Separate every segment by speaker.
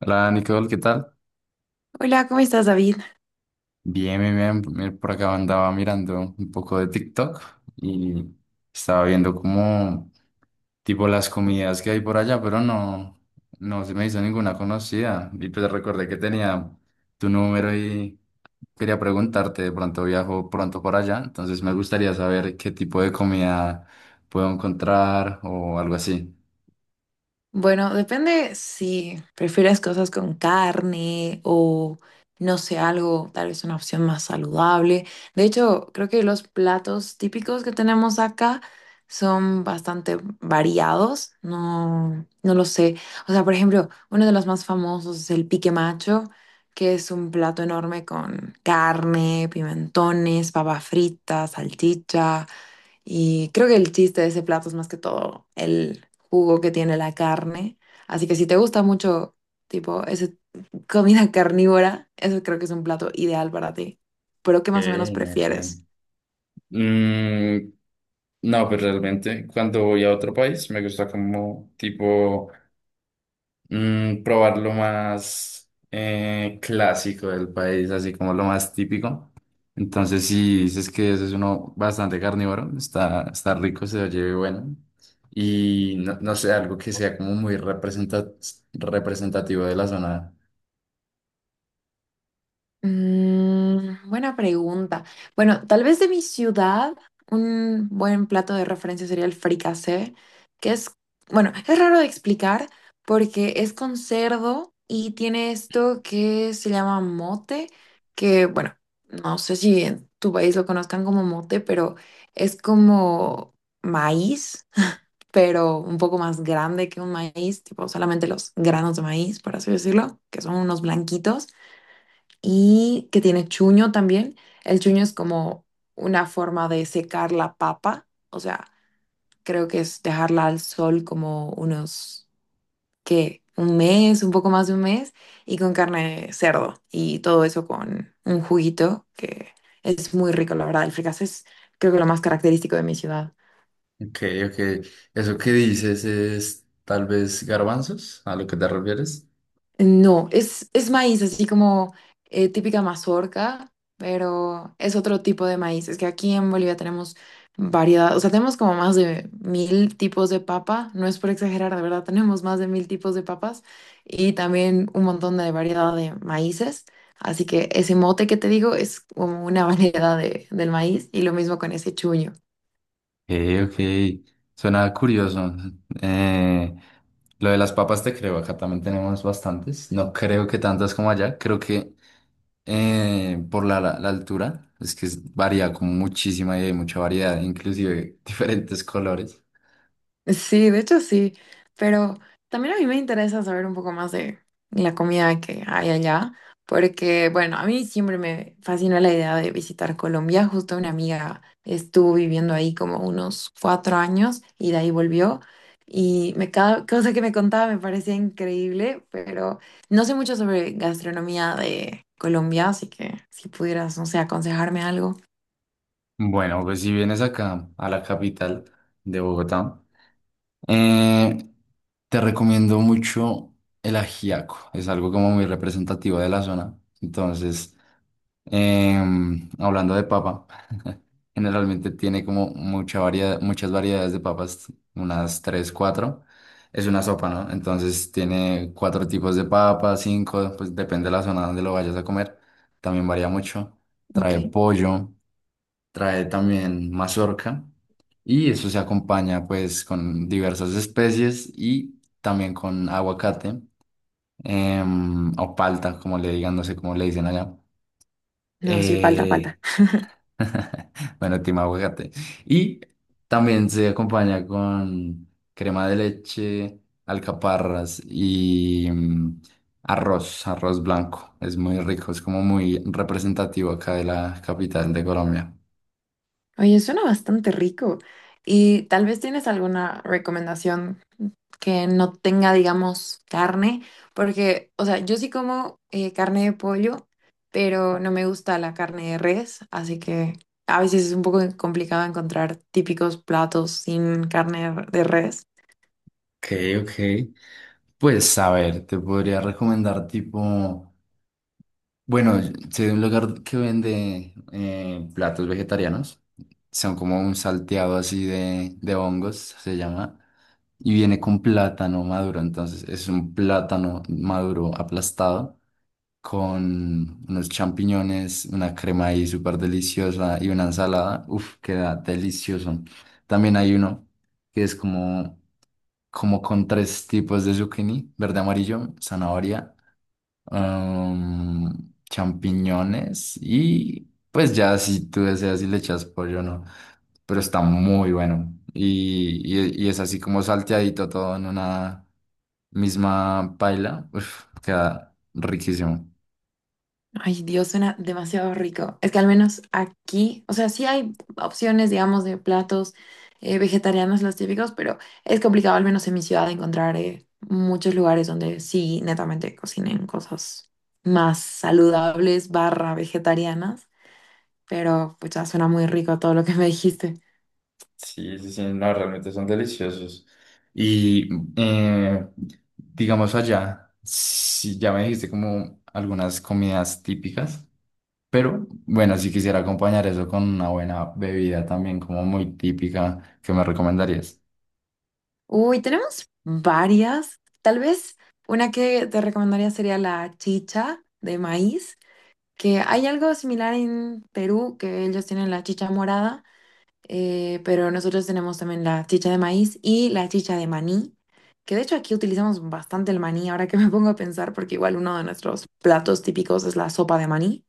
Speaker 1: Hola Nicole, ¿qué tal?
Speaker 2: Hola, ¿cómo estás, David?
Speaker 1: Bien, bien, bien. Mira, por acá andaba mirando un poco de TikTok y estaba viendo como tipo las comidas que hay por allá, pero no, no se me hizo ninguna conocida. Y pues recordé que tenía tu número y quería preguntarte, de pronto viajo pronto por allá, entonces me gustaría saber qué tipo de comida puedo encontrar o algo así.
Speaker 2: Bueno, depende si prefieres cosas con carne o, no sé, algo, tal vez una opción más saludable. De hecho, creo que los platos típicos que tenemos acá son bastante variados. No, no lo sé. O sea, por ejemplo, uno de los más famosos es el pique macho, que es un plato enorme con carne, pimentones, papa frita, salchicha. Y creo que el chiste de ese plato es más que todo el jugo que tiene la carne. Así que si te gusta mucho, tipo, esa comida carnívora, eso creo que es un plato ideal para ti. Pero ¿qué
Speaker 1: Ok,
Speaker 2: más o menos
Speaker 1: ok.
Speaker 2: prefieres?
Speaker 1: Mm, No, pues realmente cuando voy a otro país me gusta como tipo probar lo más clásico del país, así como lo más típico. Entonces si dices que ese es uno bastante carnívoro, está, está rico, se oye bueno. Y no, no sé, algo que sea como muy representativo de la zona.
Speaker 2: Buena pregunta. Bueno, tal vez de mi ciudad, un buen plato de referencia sería el fricasé, que es, bueno, es raro de explicar porque es con cerdo y tiene esto que se llama mote, que, bueno, no sé si en tu país lo conozcan como mote, pero es como maíz, pero un poco más grande que un maíz, tipo solamente los granos de maíz, por así decirlo, que son unos blanquitos y que tiene chuño también. El chuño es como una forma de secar la papa, o sea, creo que es dejarla al sol como unos, ¿qué? Un mes, un poco más de un mes, y con carne de cerdo y todo eso con un juguito que es muy rico, la verdad. El fricasé es creo que lo más característico de mi ciudad.
Speaker 1: Ok, ok. ¿Eso que dices es tal vez garbanzos? ¿A lo que te refieres?
Speaker 2: No, es maíz, así como típica mazorca, pero es otro tipo de maíz. Es que aquí en Bolivia tenemos variedad, o sea, tenemos como más de 1.000 tipos de papa, no es por exagerar, de verdad, tenemos más de 1.000 tipos de papas y también un montón de variedad de maíces. Así que ese mote que te digo es como una variedad del maíz y lo mismo con ese chuño.
Speaker 1: Ok, ok. Suena curioso. Eh, lo de las papas te creo, acá también tenemos bastantes. No creo que tantas como allá. Creo que por la altura, es que varía como muchísima y hay mucha variedad, inclusive diferentes colores.
Speaker 2: Sí, de hecho sí, pero también a mí me interesa saber un poco más de la comida que hay allá, porque bueno, a mí siempre me fascinó la idea de visitar Colombia. Justo una amiga estuvo viviendo ahí como unos 4 años y de ahí volvió. Y me, cada cosa que me contaba me parecía increíble, pero no sé mucho sobre gastronomía de Colombia, así que si pudieras, no sé, aconsejarme algo.
Speaker 1: Bueno, pues si vienes acá a la capital de Bogotá, eh, te recomiendo mucho el ajiaco. Es algo como muy representativo de la zona. Entonces. Hablando de papa, generalmente tiene como mucha variedad, muchas variedades de papas, unas tres, cuatro. Es una sopa, ¿no? Entonces tiene cuatro tipos de papas, cinco, pues depende de la zona donde lo vayas a comer. También varía mucho.
Speaker 2: Ok.
Speaker 1: Trae pollo, trae también mazorca y eso se acompaña pues con diversas especies y también con aguacate o palta, como le digan, no sé cómo le dicen allá.
Speaker 2: No, sí, falta,
Speaker 1: Eh,
Speaker 2: falta.
Speaker 1: Bueno, team aguacate. Y también se acompaña con crema de leche, alcaparras y arroz, arroz blanco. Es muy rico, es como muy representativo acá de la capital de Colombia.
Speaker 2: Oye, suena bastante rico. Y tal vez tienes alguna recomendación que no tenga, digamos, carne, porque, o sea, yo sí como carne de pollo, pero no me gusta la carne de res, así que a veces es un poco complicado encontrar típicos platos sin carne de res.
Speaker 1: Ok, ok. Pues a ver, te podría recomendar tipo, bueno, si hay un lugar que vende platos vegetarianos, son como un salteado así de hongos, se llama. Y viene con plátano maduro, entonces es un plátano maduro aplastado con unos champiñones, una crema ahí súper deliciosa y una ensalada. Uf, queda delicioso. También hay uno que es como, como con tres tipos de zucchini, verde, amarillo, zanahoria champiñones y pues ya si tú deseas y le echas pollo no, pero está muy bueno y es así como salteadito todo en una misma paila, uf, queda riquísimo.
Speaker 2: Ay, Dios, suena demasiado rico. Es que al menos aquí, o sea, sí hay opciones, digamos, de platos vegetarianos, los típicos, pero es complicado, al menos en mi ciudad, encontrar muchos lugares donde sí, netamente cocinen cosas más saludables, barra vegetarianas. Pero pues ya suena muy rico todo lo que me dijiste.
Speaker 1: Sí, sí, sí, no, realmente son deliciosos. Y eh, digamos allá, si ya me dijiste como algunas comidas típicas. Pero bueno, si quisiera acompañar eso con una buena bebida también, como muy típica, ¿qué me recomendarías?
Speaker 2: Uy, tenemos varias. Tal vez una que te recomendaría sería la chicha de maíz, que hay algo similar en Perú, que ellos tienen la chicha morada, pero nosotros tenemos también la chicha de maíz y la chicha de maní, que de hecho aquí utilizamos bastante el maní, ahora que me pongo a pensar, porque igual uno de nuestros platos típicos es la sopa de maní,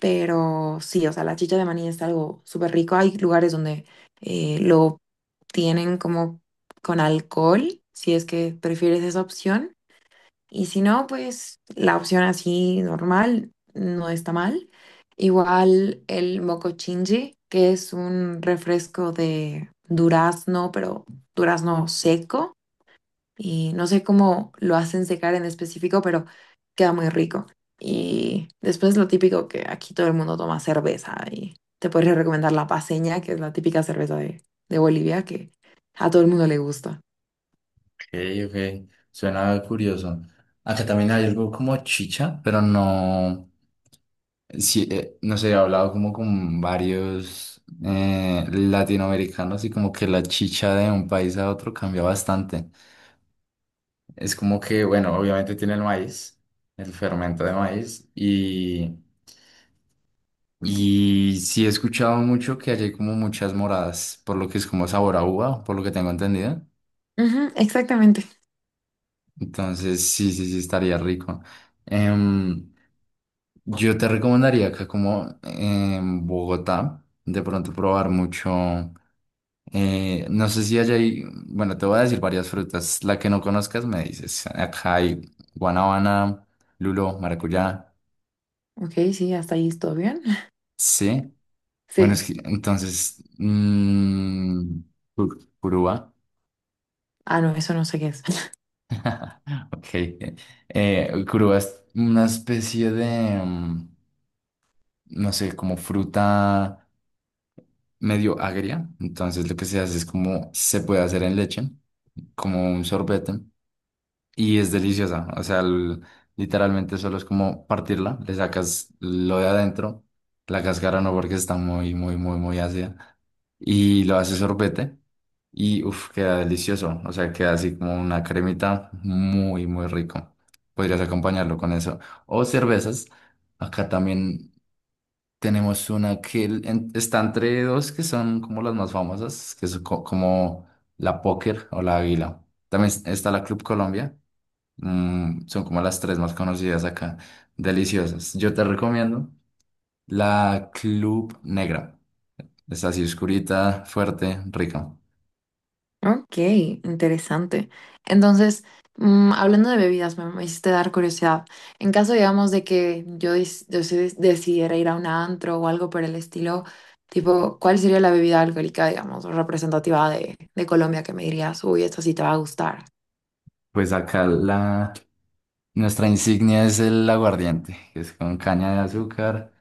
Speaker 2: pero sí, o sea, la chicha de maní es algo súper rico, hay lugares donde lo tienen como con alcohol, si es que prefieres esa opción. Y si no, pues la opción así normal no está mal. Igual el mocochinchi, que es un refresco de durazno, pero durazno seco. Y no sé cómo lo hacen secar en específico, pero queda muy rico. Y después lo típico que aquí todo el mundo toma cerveza. Y te podría recomendar la paseña, que es la típica cerveza de Bolivia, que a todo el mundo le gusta.
Speaker 1: Ok, ok, suena curioso. Acá también hay algo como chicha, pero no, sí, no sé, he hablado como con varios latinoamericanos y como que la chicha de un país a otro cambia bastante. Es como que, bueno, obviamente tiene el maíz, el fermento de maíz Y sí he escuchado mucho que allí hay como muchas moradas, por lo que es como sabor a uva, por lo que tengo entendido.
Speaker 2: Ujú, exactamente.
Speaker 1: Entonces, sí, sí, sí, estaría rico. Em, yo te recomendaría acá como en Bogotá, de pronto probar mucho. No sé si allá hay, bueno, te voy a decir varias frutas. La que no conozcas me dices. Acá hay guanábana, lulo, maracuyá.
Speaker 2: Ok, sí, hasta ahí todo bien.
Speaker 1: Sí. Bueno,
Speaker 2: Sí.
Speaker 1: es que entonces, purúa.
Speaker 2: Ah, no, eso no sé qué es.
Speaker 1: Ok. Curuba es una especie de, no sé, como fruta medio agria. Entonces lo que se hace es como se puede hacer en leche, como un sorbete. Y es deliciosa, o sea, literalmente solo es como partirla, le sacas lo de adentro, la cáscara no porque está muy, muy, muy, muy ácida, y lo haces sorbete y uff, queda delicioso, o sea, queda así como una cremita muy, muy rico. Podrías acompañarlo con eso. O cervezas, acá también tenemos una que está entre dos que son como las más famosas, que es como la Póker o la Águila. También está la Club Colombia. Son como las tres más conocidas acá. Deliciosas. Yo te recomiendo la Club Negra. Es así oscurita, fuerte, rica.
Speaker 2: Ok, interesante. Entonces, hablando de bebidas, me hiciste dar curiosidad. En caso, digamos, de que yo, dis- yo sí des- decidiera ir a un antro o algo por el estilo, tipo, ¿cuál sería la bebida alcohólica, digamos, representativa de Colombia que me dirías, uy, esta sí te va a gustar?
Speaker 1: Pues acá la, nuestra insignia es el aguardiente, que es con caña de azúcar.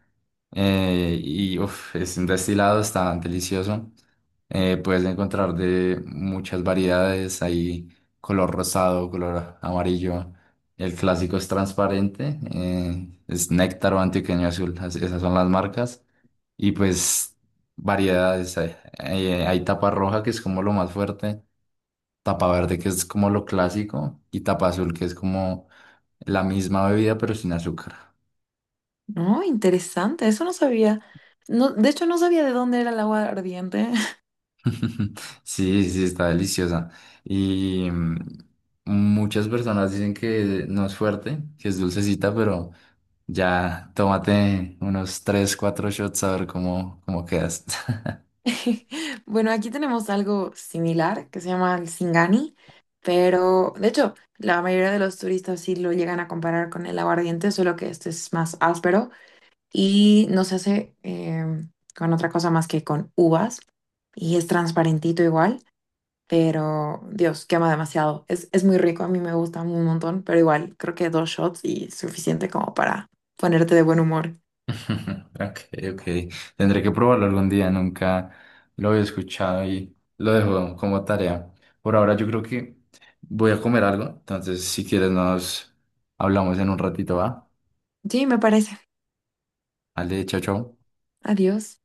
Speaker 1: Y uf, es un destilado, está delicioso. Puedes encontrar de muchas variedades, hay color rosado, color amarillo. El clásico es transparente, es néctar o antioqueño azul, esas son las marcas. Y pues variedades, hay tapa roja que es como lo más fuerte, tapa verde que es como lo clásico y tapa azul que es como la misma bebida, pero sin azúcar.
Speaker 2: No, interesante, eso no sabía. No, de hecho, no sabía de dónde era el agua ardiente.
Speaker 1: Sí, sí, está deliciosa. Y muchas personas dicen que no es fuerte, que es dulcecita, pero ya tómate unos 3 4 shots a ver cómo quedas.
Speaker 2: Bueno, aquí tenemos algo similar que se llama el Singani, pero de hecho, la mayoría de los turistas sí lo llegan a comparar con el aguardiente, solo que este es más áspero y no se hace con otra cosa más que con uvas y es transparentito igual, pero Dios, quema demasiado. Es muy rico, a mí me gusta un montón, pero igual creo que dos shots y suficiente como para ponerte de buen humor.
Speaker 1: Ok, ok. Tendré que probarlo algún día, nunca lo había escuchado y lo dejo como tarea. Por ahora yo creo que voy a comer algo, entonces si quieres nos hablamos en un ratito, ¿va?
Speaker 2: Sí, me parece.
Speaker 1: Vale, chao, chao.
Speaker 2: Adiós.